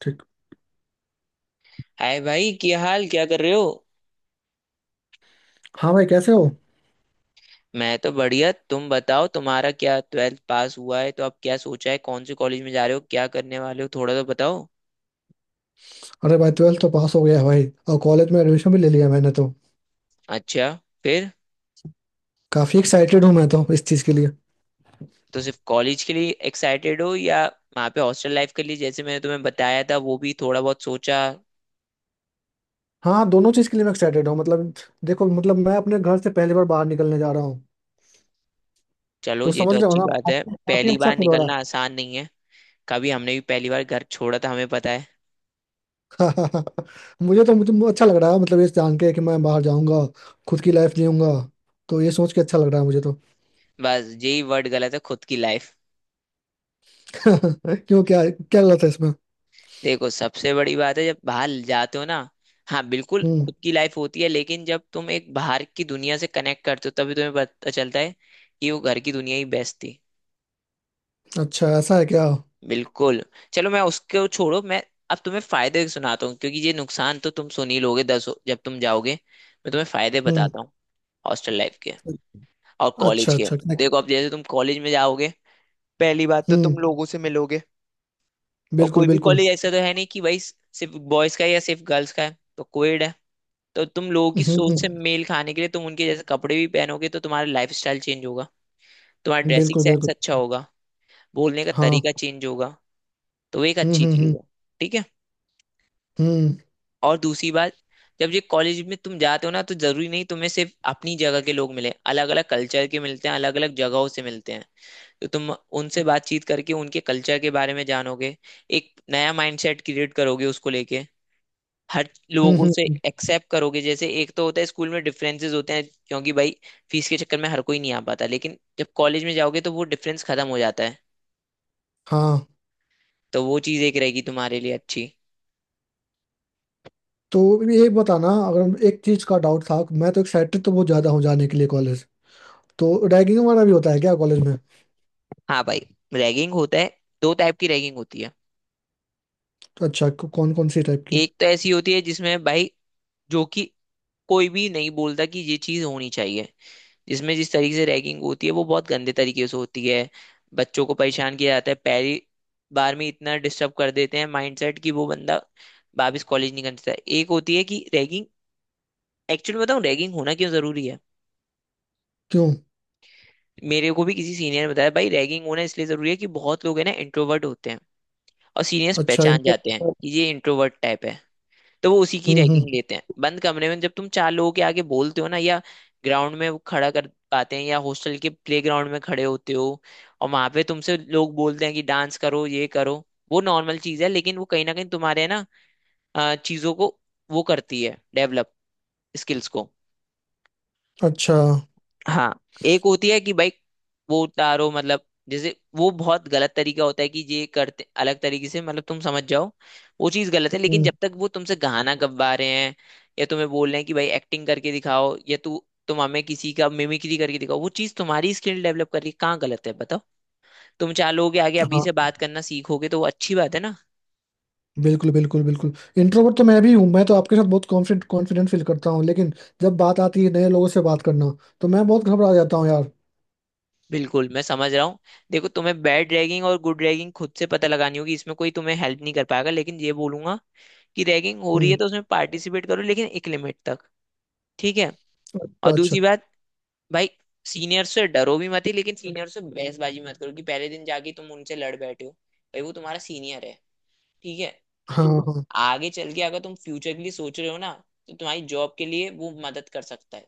ठीक। हाय भाई, क्या हाल? क्या कर रहे हो? हाँ भाई, कैसे हो? मैं तो बढ़िया, तुम बताओ। तुम्हारा क्या ट्वेल्थ पास हुआ है, तो अब क्या सोचा है? कौन से कॉलेज में जा रहे हो, क्या करने वाले हो, थोड़ा तो बताओ। अरे भाई, ट्वेल्थ तो पास हो गया है भाई, और कॉलेज में एडमिशन भी ले लिया मैंने तो। अच्छा। फिर? काफी एक्साइटेड हूँ मैं तो इस चीज के लिए। तो सिर्फ कॉलेज के लिए एक्साइटेड हो या वहाँ पे हॉस्टल लाइफ के लिए, जैसे मैंने तुम्हें बताया था, वो भी थोड़ा बहुत सोचा? हाँ, दोनों चीज के लिए मैं एक्साइटेड हूँ मतलब। देखो मतलब, मैं अपने घर से पहली बार बाहर निकलने जा रहा हूँ। चलो, तो ये तो समझ रहे हो अच्छी ना, बात है। काफी काफी पहली अच्छा बार फील हो रहा निकलना आसान नहीं है। कभी हमने भी पहली बार घर छोड़ा था, हमें पता है। है। मुझे अच्छा लग रहा है मतलब, ये जान के कि मैं बाहर जाऊंगा। खुद की लाइफ जीऊंगा। तो ये सोच के अच्छा लग रहा है मुझे तो। बस यही वर्ड गलत है, खुद की लाइफ। क्यों, क्या क्या गलत है इसमें? देखो, सबसे बड़ी बात है, जब बाहर जाते हो ना, हाँ बिल्कुल हम्म। खुद की लाइफ होती है, लेकिन जब तुम एक बाहर की दुनिया से कनेक्ट करते हो, तभी तुम्हें पता चलता है कि वो घर की दुनिया ही बेस्ट थी। अच्छा, ऐसा है क्या? बिल्कुल। चलो, मैं उसको छोड़ो। मैं अब तुम्हें फायदे सुनाता हूँ, क्योंकि ये नुकसान तो तुम सुन ही लोगे 10, जब तुम जाओगे मैं तुम्हें फायदे हम्म। बताता हूँ। हॉस्टल लाइफ के और अच्छा, कॉलेज के। अच्छा। देखो, अब जैसे तुम कॉलेज में जाओगे, पहली बात तो हम्म। तुम लोगों से मिलोगे। और बिल्कुल, कोई भी बिल्कुल। कॉलेज ऐसा तो है नहीं कि भाई सिर्फ बॉयज का है या सिर्फ गर्ल्स का है, तो कोएड है। तो तुम लोगों की सोच से मेल खाने के लिए तुम उनके जैसे कपड़े भी पहनोगे, तो तुम्हारा लाइफस्टाइल चेंज होगा। तुम्हारा ड्रेसिंग बिल्कुल, सेंस बिल्कुल। अच्छा होगा। बोलने का हाँ। तरीका चेंज होगा। तो वो एक हम्म, अच्छी हम्म, चीज हम्म। है। ठीक है। हम्म, और दूसरी बात, जब ये कॉलेज में तुम जाते हो ना, तो जरूरी नहीं तुम्हें सिर्फ अपनी जगह के लोग मिले। अलग अलग कल्चर के मिलते हैं, अलग अलग जगहों से मिलते हैं। तो तुम उनसे बातचीत करके उनके कल्चर के बारे में जानोगे, एक नया माइंडसेट क्रिएट करोगे उसको लेके। हर हम्म, लोगों से एक्सेप्ट करोगे। जैसे एक तो होता है, स्कूल में डिफरेंसेस होते हैं क्योंकि भाई फीस के चक्कर में हर कोई नहीं आ पाता, लेकिन जब कॉलेज में जाओगे तो वो डिफरेंस खत्म हो जाता है। हाँ। तो वो चीज एक रहेगी तुम्हारे लिए अच्छी। तो ये बताना, अगर एक चीज का डाउट था। मैं तो एक्साइटेड तो बहुत ज्यादा हूँ जाने के लिए कॉलेज। तो रैगिंग वगैरह भी होता है क्या कॉलेज में? हाँ भाई, रैगिंग होता है। दो टाइप की रैगिंग होती है। तो अच्छा, कौन कौन सी टाइप की? एक तो ऐसी होती है जिसमें भाई, जो कि कोई भी नहीं बोलता कि ये चीज होनी चाहिए, जिसमें जिस तरीके से रैगिंग होती है वो बहुत गंदे तरीके से होती है। बच्चों को परेशान किया जाता है, पहली बार में इतना डिस्टर्ब कर देते हैं माइंडसेट कि वो बंदा वापस कॉलेज नहीं करता। एक होती है कि रैगिंग, एक्चुअली बताऊं रैगिंग होना क्यों जरूरी है। क्यों? मेरे को भी किसी सीनियर ने बताया, भाई रैगिंग होना इसलिए जरूरी है कि बहुत लोग है ना, इंट्रोवर्ट होते हैं, और सीनियर्स अच्छा, पहचान इनको। जाते हैं कि ये इंट्रोवर्ट टाइप है। तो वो उसी की हम्म, हम्म। रैगिंग लेते हैं। बंद कमरे में जब तुम चार लोगों के आगे बोलते हो ना, या ग्राउंड में वो खड़ा कर पाते हैं, या हॉस्टल के प्लेग्राउंड में खड़े होते हो और वहां पे तुमसे लोग बोलते हैं कि डांस करो, ये करो, वो नॉर्मल चीज है। लेकिन वो कहीं ना कहीं तुम्हारे ना चीजों को वो करती है डेवलप, स्किल्स को। अच्छा। हाँ। एक होती है कि भाई वो उतारो, मतलब जैसे वो बहुत गलत तरीका होता है कि ये करते अलग तरीके से, मतलब तुम समझ जाओ। वो चीज गलत है। लेकिन हम्म। जब तक वो तुमसे गाना गवा रहे हैं या तुम्हें बोल रहे हैं कि भाई एक्टिंग करके दिखाओ, या तू तुम हमें किसी का मिमिक्री करके दिखाओ, वो चीज तुम्हारी स्किल डेवलप कर रही है, कहाँ गलत है बताओ। तुम चार लोगों के आगे अभी से हाँ, बात करना सीखोगे, तो वो अच्छी बात है ना। बिल्कुल, बिल्कुल, बिल्कुल। इंट्रोवर्ट तो मैं भी हूँ, मैं तो आपके साथ बहुत कॉन्फिडेंट, कॉन्फिडेंट फील करता हूँ, लेकिन जब बात आती है नए लोगों से बात करना, तो मैं बहुत घबरा जाता हूँ यार। बिल्कुल, मैं समझ रहा हूँ। देखो, तुम्हें बैड रैगिंग और गुड रैगिंग खुद से पता लगानी होगी, इसमें कोई तुम्हें हेल्प नहीं कर पाएगा। लेकिन ये बोलूंगा कि रैगिंग हो रही हम्म। है तो उसमें पार्टिसिपेट करो, लेकिन एक लिमिट तक। ठीक है। और अच्छा, अच्छा। दूसरी बात भाई, सीनियर से डरो भी मत ही, लेकिन सीनियर से बहसबाजी मत करो कि पहले दिन जाके तुम उनसे लड़ बैठे हो। भाई, वो तुम्हारा सीनियर है। ठीक है। हाँ, हाँ। आगे चल के अगर तुम फ्यूचर के लिए सोच रहे हो ना, तो तुम्हारी जॉब के लिए वो मदद कर सकता है।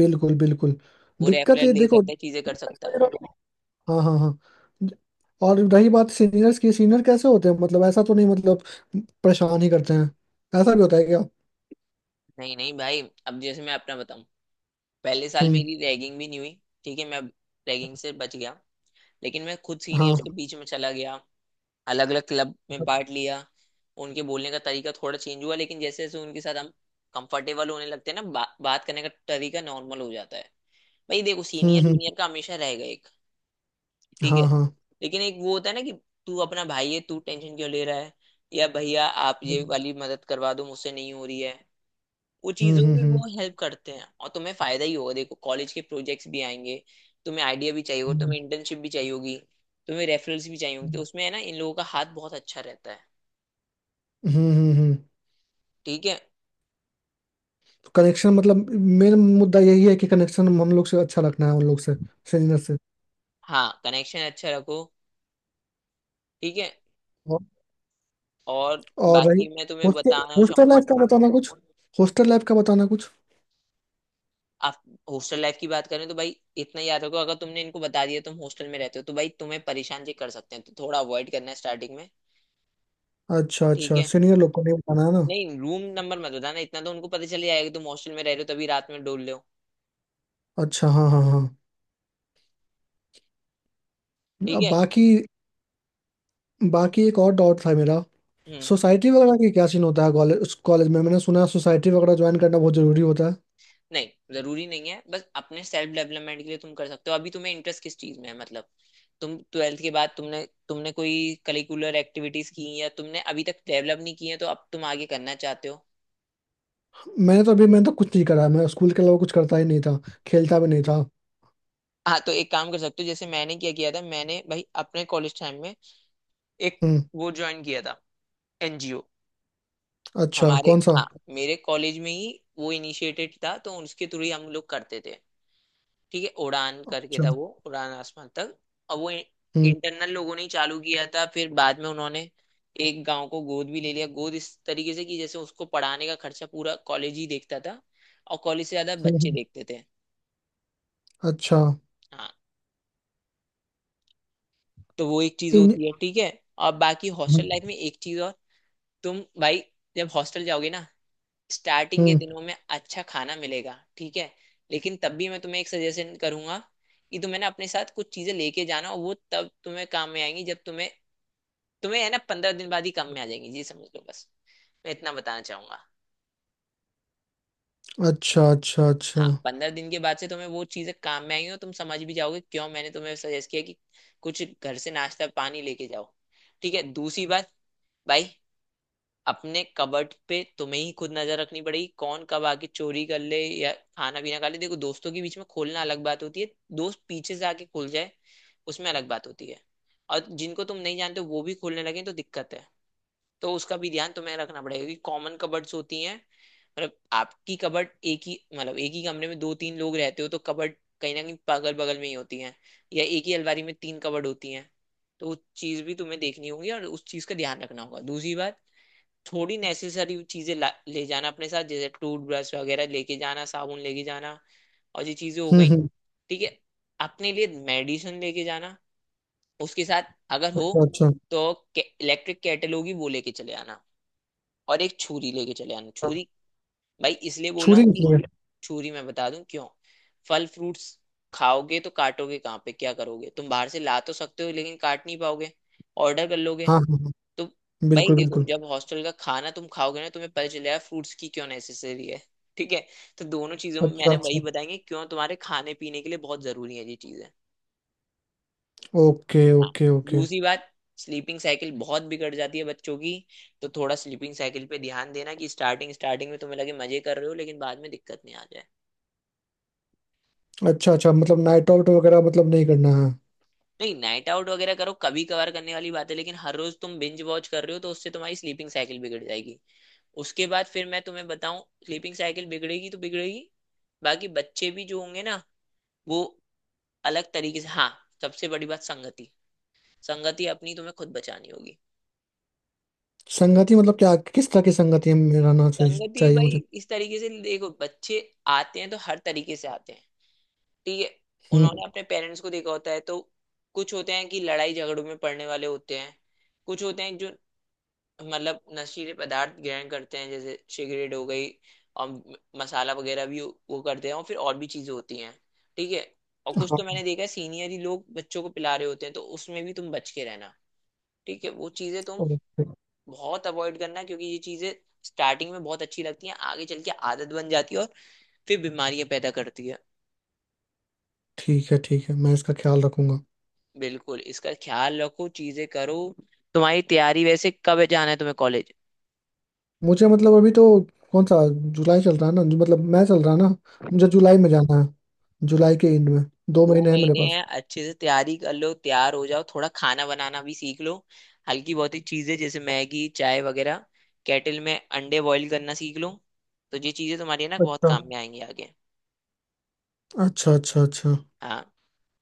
बिल्कुल, बिल्कुल। वो दिक्कत रेफरल ये ले देखो। सकता है, चीजें कर सकता है। हाँ, हाँ, हाँ। और रही बात सीनियर्स की, सीनियर कैसे होते हैं मतलब, ऐसा तो नहीं मतलब, परेशान ही करते हैं? ऐसा भी होता है क्या? नहीं नहीं भाई, अब जैसे मैं अपना बताऊं, पहले साल हम्म। मेरी रैगिंग भी नहीं हुई। ठीक है, मैं रैगिंग से बच गया। लेकिन मैं खुद हाँ। सीनियर्स के बीच में चला गया, अलग अलग क्लब में पार्ट लिया। उनके बोलने का तरीका थोड़ा चेंज हुआ, लेकिन जैसे जैसे उनके साथ हम कंफर्टेबल होने लगते हैं ना, बात करने का तरीका नॉर्मल हो जाता है। भाई देखो, हम्म, सीनियर हम्म। जूनियर का हमेशा रहेगा एक। ठीक है। हाँ, हाँ। लेकिन एक वो होता है ना कि तू अपना भाई है, तू टेंशन क्यों ले रहा है, या भैया आप ये वाली मदद करवा दो मुझसे नहीं हो रही है। वो हम्म, चीजों हम्म, में वो हम्म। हेल्प करते हैं, और तुम्हें फायदा ही होगा। देखो, कॉलेज के प्रोजेक्ट्स भी आएंगे, तुम्हें आइडिया भी चाहिए होगा, तुम्हें इंटर्नशिप भी चाहिए होगी, तुम्हें रेफरल्स भी चाहिए होंगे। तो उसमें है ना, इन लोगों का हाथ बहुत अच्छा रहता है। हम्म, हम्म, ठीक है। कनेक्शन मतलब, मेन मुद्दा यही है कि कनेक्शन हम लोग से अच्छा रखना है, उन लोग से, सीनियर से। हाँ, कनेक्शन अच्छा रखो। ठीक है। और और और रही। बाकी मैं तुम्हें हॉस्टल बताना हॉस्टल चाहूंगा, लाइफ का बताना कुछ। हॉस्टल लाइफ का बताना कुछ। आप हॉस्टल लाइफ की बात करें तो भाई इतना याद रखो, अगर तुमने इनको बता दिया तुम हॉस्टल में रहते हो तो भाई तुम्हें परेशान जी कर सकते हैं, तो थोड़ा अवॉइड करना है स्टार्टिंग में। अच्छा, ठीक अच्छा, है। सीनियर लोग को नहीं बताना है। नहीं, रूम नंबर मत बताना, इतना तो उनको पता चल जाएगा कि तुम हॉस्टल में रह रहे हो, तभी रात में डोल रहे हो। अच्छा, हाँ, हाँ, हाँ। ठीक अब है। बाकी बाकी एक और डाउट था मेरा। हम्म। सोसाइटी वगैरह की क्या सीन होता है कॉलेज, उस कॉलेज में? मैंने सुना है सोसाइटी वगैरह ज्वाइन करना बहुत जरूरी होता है। नहीं, जरूरी नहीं है, बस अपने सेल्फ डेवलपमेंट के लिए तुम कर सकते हो। अभी तुम्हें इंटरेस्ट किस चीज में है, मतलब तुम ट्वेल्थ के बाद तुमने तुमने कोई करिकुलर एक्टिविटीज की हैं, या तुमने अभी तक डेवलप नहीं की है तो अब तुम आगे करना चाहते हो? मैंने तो अभी, मैंने तो कुछ नहीं करा है, मैं स्कूल के अलावा कुछ करता ही नहीं था। खेलता भी नहीं था। हाँ, तो एक काम कर सकते हो। जैसे मैंने क्या किया था, मैंने भाई अपने कॉलेज टाइम में एक हम्म। वो ज्वाइन किया था, एनजीओ। अच्छा, हमारे, कौन सा? हाँ, मेरे कॉलेज में ही वो इनिशिएटेड था, तो उसके थ्रू ही हम लोग करते थे। ठीक है, उड़ान करके अच्छा। था वो, उड़ान आसमान तक। और वो हम्म, इंटरनल लोगों ने ही चालू किया था, फिर बाद में उन्होंने एक गांव को गोद भी ले लिया। गोद इस तरीके से कि जैसे उसको पढ़ाने का खर्चा पूरा कॉलेज ही देखता था, और कॉलेज से ज्यादा हम्म। बच्चे देखते थे। अच्छा, हाँ। तो वो एक चीज इन। होती है, ठीक है। और बाकी हॉस्टल हम्म, लाइफ में एक चीज और, तुम भाई जब हॉस्टल जाओगे ना, स्टार्टिंग के हम्म। दिनों में अच्छा खाना मिलेगा, ठीक है। लेकिन तब भी मैं तुम्हें एक सजेशन करूंगा कि तुम्हें ना अपने साथ कुछ चीजें लेके जाना, और वो तब तुम्हें काम में आएंगी जब तुम्हें, तुम्हें है ना 15 दिन बाद ही काम में आ जाएंगी जी, समझ लो बस। मैं इतना बताना चाहूंगा। अच्छा, अच्छा, अच्छा। हाँ, 15 दिन के बाद से तुम्हें वो चीजें काम में आएंगी और तुम समझ भी जाओगे क्यों मैंने तुम्हें सजेस्ट किया कि कुछ घर से नाश्ता पानी लेके जाओ। ठीक है। दूसरी बात भाई, अपने कबर्ड पे तुम्हें ही खुद नजर रखनी पड़ेगी, कौन कब आके चोरी कर ले या खाना पीना खा ले। देखो, दोस्तों के बीच में खोलना अलग बात होती है, दोस्त पीछे से आके खोल जाए उसमें अलग बात होती है। और जिनको तुम नहीं जानते वो भी खोलने लगे तो दिक्कत है। तो उसका भी ध्यान तुम्हें रखना पड़ेगा, क्योंकि कॉमन कबर्ड्स होती हैं। मतलब आपकी कबर्ड एक ही, मतलब एक ही कमरे में दो तीन लोग रहते हो तो कबर्ड कहीं ना कहीं बगल बगल में ही होती हैं, या एक ही अलमारी में तीन कबर्ड होती हैं। तो उस चीज भी तुम्हें देखनी होगी और उस चीज का ध्यान रखना होगा। दूसरी बात, थोड़ी नेसेसरी चीजें ले जाना अपने साथ, जैसे टूथब्रश वगैरह लेके जाना, साबुन लेके जाना, और ये चीजें हो हम्म, गई। हम्म। ठीक है। अपने लिए मेडिसिन लेके जाना उसके साथ अगर हो अच्छा, अच्छा। तो। इलेक्ट्रिक केटल होगी, वो लेके चले आना। और एक छुरी लेके चले आना, छुरी भाई इसलिए बोला छुरी हूँ कि, निकली? छुरी मैं बता दूं क्यों, फल फ्रूट्स खाओगे तो काटोगे कहाँ पे, क्या करोगे? तुम बाहर से ला तो सकते हो, लेकिन काट नहीं पाओगे, ऑर्डर कर लोगे। हाँ, हाँ, हाँ। तो भाई बिल्कुल, देखो, बिल्कुल। जब हॉस्टल का खाना तुम खाओगे ना, तुम्हें पता चलेगा फ्रूट्स की क्यों नेसेसरी है। ठीक है। तो दोनों चीजों में अच्छा, मैंने वही अच्छा। बताएंगे क्यों, तुम्हारे खाने पीने के लिए बहुत जरूरी है ये चीजें। ओके, हाँ। Okay, okay. दूसरी बात, स्लीपिंग साइकिल बहुत बिगड़ जाती है बच्चों की, तो थोड़ा स्लीपिंग साइकिल पे ध्यान देना कि स्टार्टिंग स्टार्टिंग में तुम्हें लगे मजे कर रहे हो, लेकिन बाद में दिक्कत नहीं आ जाए। अच्छा, अच्छा, मतलब नाइट आउट वगैरह मतलब नहीं करना है? नहीं, नाइट आउट वगैरह करो, कभी कभार करने वाली बात है, लेकिन हर रोज तुम बिंज वॉच कर रहे हो तो उससे तुम्हारी स्लीपिंग साइकिल बिगड़ जाएगी। उसके बाद फिर मैं तुम्हें बताऊं, स्लीपिंग साइकिल बिगड़ेगी तो बिगड़ेगी, बाकी बच्चे भी जो होंगे ना, वो अलग तरीके से। हाँ, सबसे बड़ी बात संगति। संगति अपनी तुम्हें खुद बचानी होगी। संगति मतलब क्या, किस तरह की संगति में रहना चाहिए संगति चाहिए भाई, मुझे? इस तरीके से देखो, बच्चे आते हैं तो हर तरीके से आते हैं। ठीक है। हम्म। उन्होंने अपने पेरेंट्स को देखा होता है, तो कुछ होते हैं कि लड़ाई झगड़ों में पड़ने वाले होते हैं, कुछ होते हैं जो मतलब नशीले पदार्थ ग्रहण करते हैं, जैसे सिगरेट हो गई, और मसाला वगैरह भी वो करते हैं, और फिर और भी चीजें होती हैं। ठीक है। और कुछ तो हाँ। मैंने देखा है सीनियर ही लोग बच्चों को पिला रहे होते हैं, तो उसमें भी तुम बच के रहना। ठीक है, वो चीजें तुम ओके। बहुत अवॉइड करना, क्योंकि ये चीजें स्टार्टिंग में बहुत अच्छी लगती हैं, आगे चल के आदत बन जाती है और फिर बीमारियां पैदा करती है। ठीक है, ठीक है, मैं इसका ख्याल रखूंगा। बिल्कुल इसका ख्याल रखो, चीजें करो। तुम्हारी तैयारी, वैसे कब जाना है तुम्हें कॉलेज? मुझे मतलब अभी तो, कौन सा जुलाई चल रहा है ना जो, मतलब मैं चल रहा है ना, मुझे जुलाई में जाना है, जुलाई के एंड में। दो दो महीने है मेरे महीने पास। हैं, अच्छे से तैयारी कर लो, तैयार हो जाओ, थोड़ा खाना बनाना भी सीख लो। हल्की बहुत ही चीजें, जैसे मैगी चाय वगैरह, केटल में अंडे बॉईल करना सीख लो। तो ये चीजें तुम्हारी ना बहुत अच्छा, काम में आएंगी आगे। अच्छा, अच्छा, अच्छा। हाँ।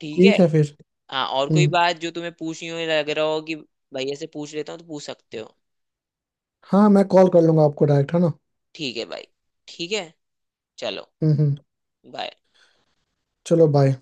ठीक है। ठीक है फिर। हाँ, और कोई हम्म। बात जो तुम्हें पूछनी हो, या लग रहा हो कि भैया से पूछ लेता हूँ, तो पूछ सकते हो। हाँ, मैं कॉल कर लूंगा आपको डायरेक्ट है ना। ठीक है भाई। ठीक है। चलो, हम्म, हम्म। बाय। चलो बाय।